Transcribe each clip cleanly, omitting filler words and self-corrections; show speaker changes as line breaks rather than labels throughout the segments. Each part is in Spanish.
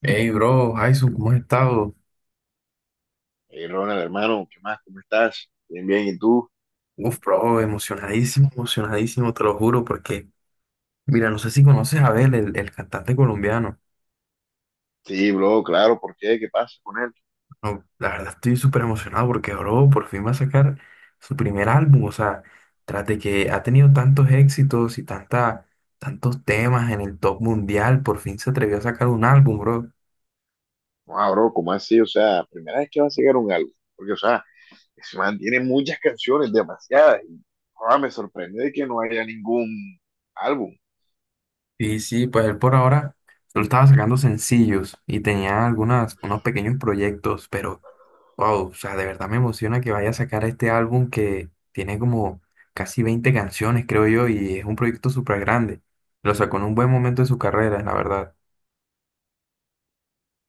Hey, bro, Jason, ¿cómo has estado?
Hey, Ronald, hermano, ¿qué más? ¿Cómo estás? Bien, bien, ¿y tú?
Uf, bro, emocionadísimo, emocionadísimo, te lo juro, porque, mira, no sé si conoces a Abel, el cantante colombiano.
Sí, bro, claro, ¿por qué? ¿Qué pasa con él?
No, la verdad estoy súper emocionado porque, bro, por fin va a sacar su primer álbum, o sea, tras de que ha tenido tantos éxitos y tantos temas en el top mundial, por fin se atrevió a sacar un álbum, bro.
No, bro, ¿cómo así? O sea, primera vez que va a sacar un álbum, porque, o sea, ese man tiene muchas canciones, demasiadas, y joda, me sorprende de que no haya ningún álbum.
Y sí, pues él por ahora solo estaba sacando sencillos y tenía unos pequeños proyectos, pero... Wow, o sea, de verdad me emociona que vaya a sacar este álbum que tiene como casi 20 canciones, creo yo, y es un proyecto súper grande. Lo sacó en un buen momento de su carrera, la verdad.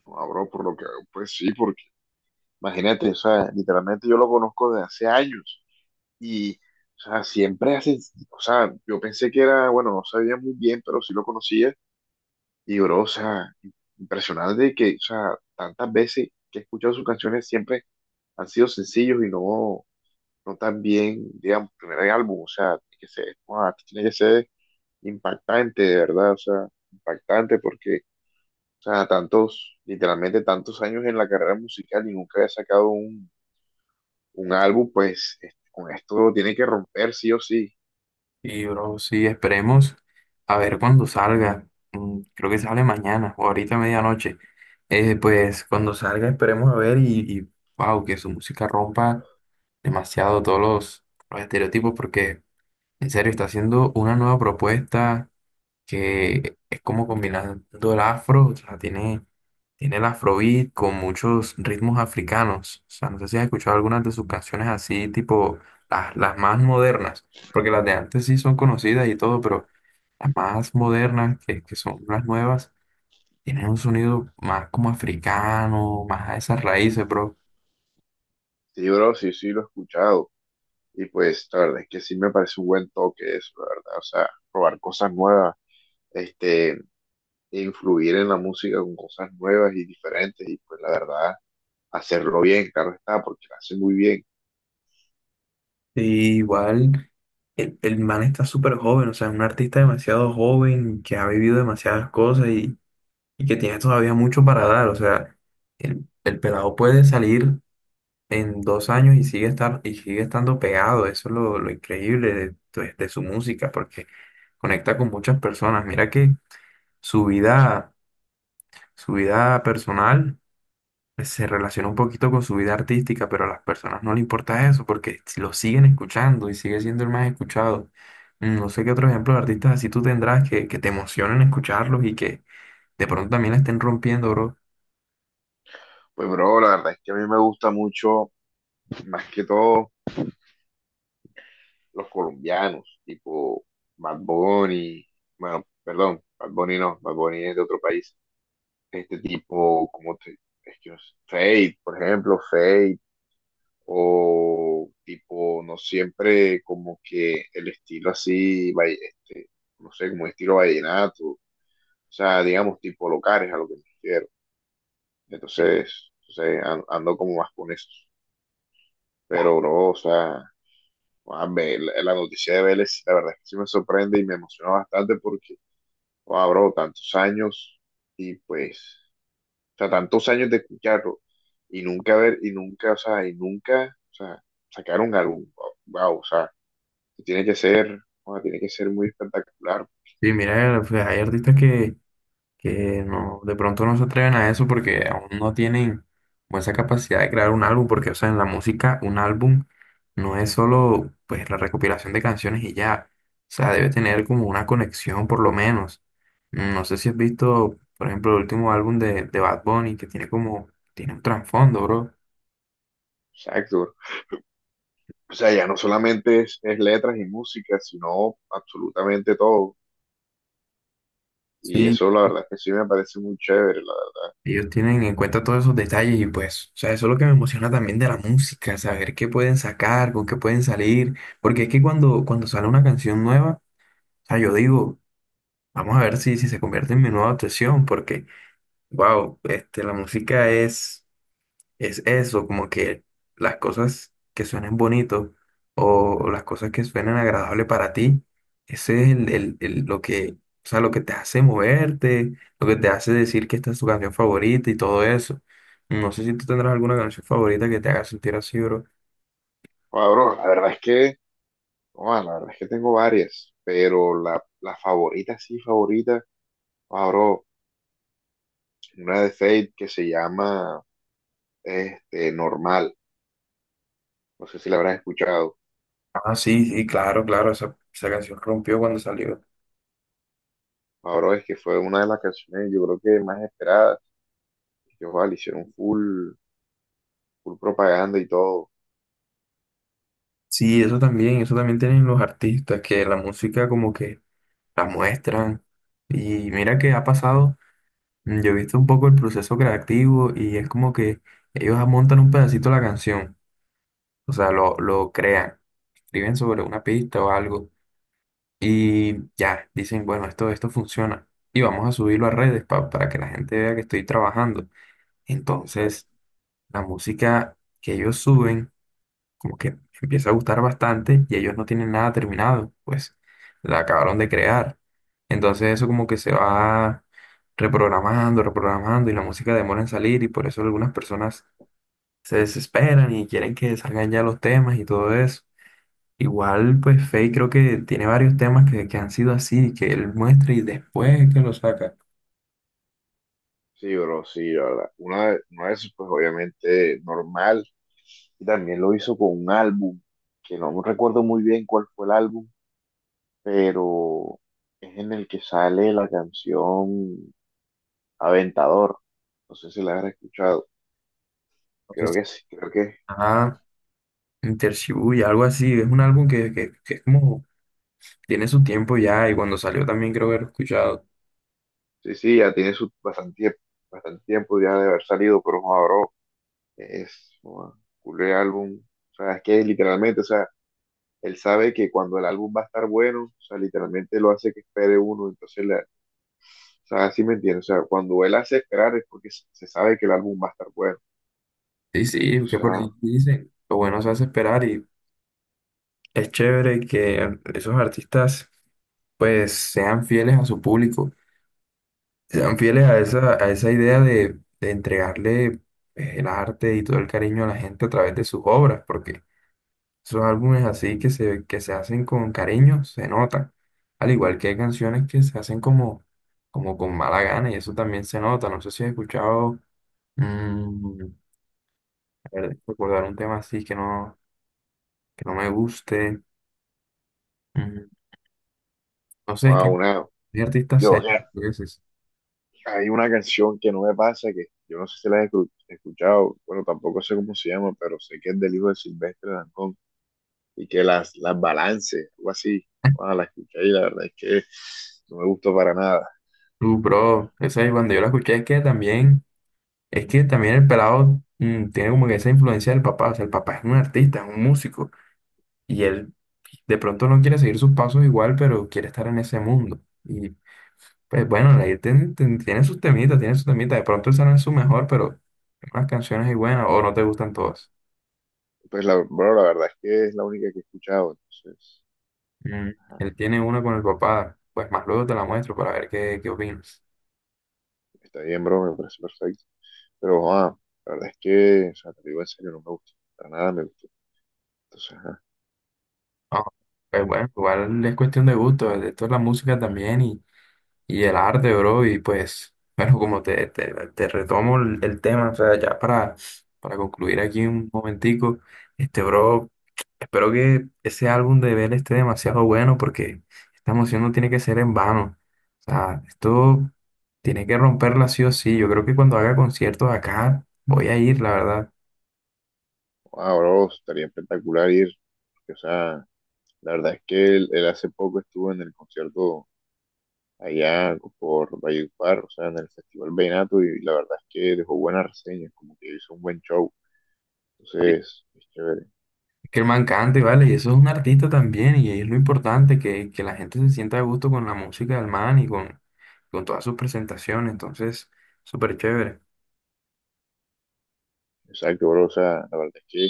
No, bro, por lo que, pues sí, porque, imagínate, o sea, literalmente yo lo conozco desde hace años, y, o sea, siempre hace, o sea, yo pensé que era, bueno, no sabía muy bien, pero sí lo conocía. Y bro, o sea, impresionante que, o sea, tantas veces que he escuchado sus canciones siempre han sido sencillos y no, no tan bien, digamos, primer álbum, o sea, tiene que ser, guau, tiene que ser impactante, de verdad, o sea, impactante porque, o sea, tantos, literalmente tantos años en la carrera musical y nunca había sacado un álbum, pues este, con esto tiene que romper sí o sí.
Y, bro, sí, esperemos a ver cuándo salga. Creo que sale mañana o ahorita a medianoche. Pues cuando salga esperemos a ver y, wow, que su música rompa demasiado todos los estereotipos porque en serio está haciendo una nueva propuesta que es como combinando el afro, o sea, tiene el afrobeat con muchos ritmos africanos. O sea, no sé si has escuchado algunas de sus canciones así, tipo las más modernas, porque las de antes sí son conocidas y todo, pero las más modernas, que son las nuevas, tienen un sonido más como africano, más a esas raíces, bro.
Sí, bro, sí, sí, lo he escuchado. Y pues, la verdad es que sí me parece un buen toque eso, la verdad, o sea, probar cosas nuevas este, influir en la música con cosas nuevas y diferentes y pues la verdad, hacerlo bien, claro está, porque lo hace muy bien.
Y igual el man está súper joven, o sea, es un artista demasiado joven que ha vivido demasiadas cosas y que tiene todavía mucho para dar. O sea, el pelado puede salir en 2 años y sigue estando pegado. Eso es lo increíble de su música, porque conecta con muchas personas. Mira que su vida, su vida personal pues, se relaciona un poquito con su vida artística, pero a las personas no le importa eso, porque si lo siguen escuchando y sigue siendo el más escuchado. No sé qué otro ejemplo de artistas así tú tendrás que te emocionen escucharlos y que de pronto también la estén rompiendo, bro.
Pues bro, la verdad es que a mí me gusta mucho, más que todo, los colombianos, tipo Bad Bunny, bueno, perdón, Bad Bunny no, Bad Bunny es de otro país, este tipo, como te, es que no sé, Fate, por ejemplo, Fate, o tipo, no siempre como que el estilo así, este, no sé, como estilo vallenato. O sea, digamos, tipo locales a lo que me refiero. Entonces, o sea, ando como más con eso. Pero, bro, o sea, la noticia de Vélez, la verdad es que sí me sorprende y me emociona bastante porque, wow, bro, tantos años y pues, o sea, tantos años de escucharlo y nunca ver, y nunca, o sea, y nunca, o sea, sacar un álbum, wow, o sea, que tiene que ser, wow, tiene que ser muy espectacular.
Sí, mira, pues hay artistas que no, de pronto no se atreven a eso porque aún no tienen como esa capacidad de crear un álbum, porque, o sea, en la música un álbum no es solo pues la recopilación de canciones y ya, o sea, debe tener como una conexión por lo menos. No sé si has visto, por ejemplo, el último álbum de Bad Bunny que tiene tiene un trasfondo, bro.
Exacto. O sea, ya no solamente es letras y música, sino absolutamente todo. Y
Sí,
eso la verdad es que sí me parece muy chévere. La,
ellos tienen en cuenta todos esos detalles y pues, o sea, eso es lo que me emociona también de la música, saber qué pueden sacar, con qué pueden salir, porque es que cuando sale una canción nueva, o sea, yo digo, vamos a ver si se convierte en mi nueva obsesión, porque, wow, este, la música es... Es eso, como que las cosas que suenen bonitos o las cosas que suenen agradables para ti, ese es lo que, o sea, lo que te hace moverte, lo que te hace decir que esta es tu canción favorita y todo eso. No sé si tú tendrás alguna canción favorita que te haga sentir así, bro.
Bro, la verdad es que, la verdad es que tengo varias, pero la favorita, sí, favorita, bro, una de Fate que se llama este, Normal. No sé si la habrás escuchado.
Ah, sí, sí, claro, claro, esa canción rompió cuando salió.
Ah, bro, es que fue una de las canciones, yo creo que más esperadas. Que ojalá, le hicieron full, full propaganda y todo.
Sí, eso también tienen los artistas, que la música como que la muestran. Y mira que ha pasado. Yo he visto un poco el proceso creativo y es como que ellos montan un pedacito de la canción, o sea, lo crean, escriben sobre una pista o algo y ya, dicen, bueno, esto funciona y vamos a subirlo a redes para que la gente vea que estoy trabajando.
Esa
Entonces, la música que ellos suben como que empieza a gustar bastante y ellos no tienen nada terminado, pues la acabaron de crear. Entonces eso como que se va reprogramando, reprogramando y la música demora en salir y por eso algunas personas se desesperan y quieren que salgan ya los temas y todo eso. Igual pues Faye creo que tiene varios temas que han sido así, que él muestra y después es que lo saca.
sí, bro, sí, la verdad. Una, una vez, pues obviamente normal. Y también lo hizo con un álbum, que no recuerdo muy bien cuál fue el álbum, pero es en el que sale la canción Aventador. No sé si la has escuchado.
Entonces,
Creo que
ah, y algo así, es un álbum que es como tiene su tiempo ya y cuando salió también creo haber escuchado.
sí, sí, ya tiene su bastante, bastante tiempo ya de haber salido, pero joder, bro, es un álbum. O sea, es que literalmente, o sea, él sabe que cuando el álbum va a estar bueno, o sea, literalmente lo hace que espere uno, entonces, la, o sea, así me entiendes, o sea, cuando él hace esperar es porque se sabe que el álbum va a estar bueno,
Sí, sí, que
entonces,
por ahí dicen, lo bueno se hace esperar y es chévere que esos artistas pues sean fieles a su público, sean fieles a
exacto,
a esa idea de entregarle pues, el arte y todo el cariño a la gente a través de sus obras, porque esos álbumes así que se hacen con cariño se notan, al igual que hay canciones que se hacen como con mala gana y eso también se nota, no sé si has escuchado, mm, a ver, recordar un tema así que no me guste. Mm, No sé, es
wow,
que
una,
hay artistas
yo,
serios,
ya,
tú dices.
hay una canción que no me pasa, que yo no sé si la he escuchado, bueno, tampoco sé cómo se llama, pero sé que es del hijo de Silvestre Dangond, y que las balance, algo así, wow, la escuché y la verdad es que no me gustó para nada.
Bro, esa es cuando yo la escuché, es que también el pelado tiene como que esa influencia del papá, o sea, el papá es un artista, es un músico, y él de pronto no quiere seguir sus pasos igual, pero quiere estar en ese mundo. Y pues bueno, ahí tiene sus temitas, de pronto esa no es su mejor, pero unas canciones ahí buenas, o no te gustan todas.
Pues, la, bro, la verdad es que es la única que he escuchado, entonces...
Mm, Él tiene una con el papá, pues más luego te la muestro para ver qué, qué opinas.
Está bien, bro, me parece perfecto. Pero, la verdad es que, o sea, te lo digo en serio, no me gusta. Para nada me gustó. Entonces,
Ah, pues bueno, igual es cuestión de gusto, esto es la música también y el arte, bro, y pues, bueno, como te retomo el tema, o sea, ya para concluir aquí un momentico, este, bro, espero que ese álbum de Bell esté demasiado bueno porque esta emoción no tiene que ser en vano, o sea, esto tiene que romperla sí o sí, yo creo que cuando haga conciertos acá voy a ir, la verdad.
ah, bro, estaría espectacular ir. Porque, o sea, la verdad es que él hace poco estuvo en el concierto allá por Valledupar, o sea, en el Festival Vallenato, y la verdad es que dejó buenas reseñas, como que hizo un buen show. Entonces, es chévere.
Que el man cante, ¿vale? Y eso es un artista también, y es lo importante, que la gente se sienta a gusto con la música del man y con todas sus presentaciones, entonces, súper chévere.
Exacto, bro, o sea, la verdad es que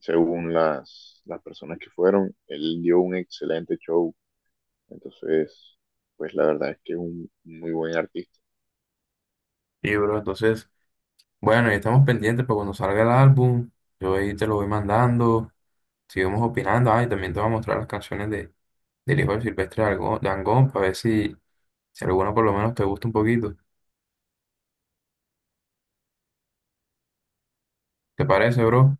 según las personas que fueron, él dio un excelente show. Entonces, pues la verdad es que es un muy buen artista.
Y, bro, entonces, bueno, ya estamos pendientes para cuando salga el álbum, yo ahí te lo voy mandando, sigamos opinando, y también te voy a mostrar las canciones del hijo de Silvestre Dangond, para ver si alguna por lo menos te gusta un poquito. ¿Te parece, bro?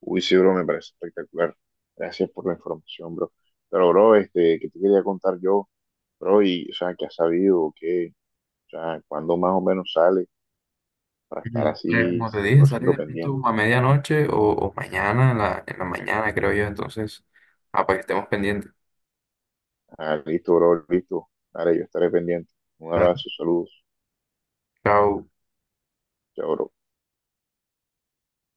Uy, sí, bro, me parece espectacular. Gracias por la información, bro. Pero, bro, este, ¿qué te quería contar yo, bro? Y, o sea, ¿qué has sabido? ¿O qué? O sea, ¿cuándo más o menos sale para estar así
Como te
cien
dije,
por
sale
ciento
de pronto
pendiente?
a medianoche o mañana, en la mañana, creo yo. Entonces, para que estemos pendientes.
Ah, listo, bro, listo. Dale, yo estaré pendiente. Un
Dale.
abrazo, saludos.
Chao.
Chao, bro.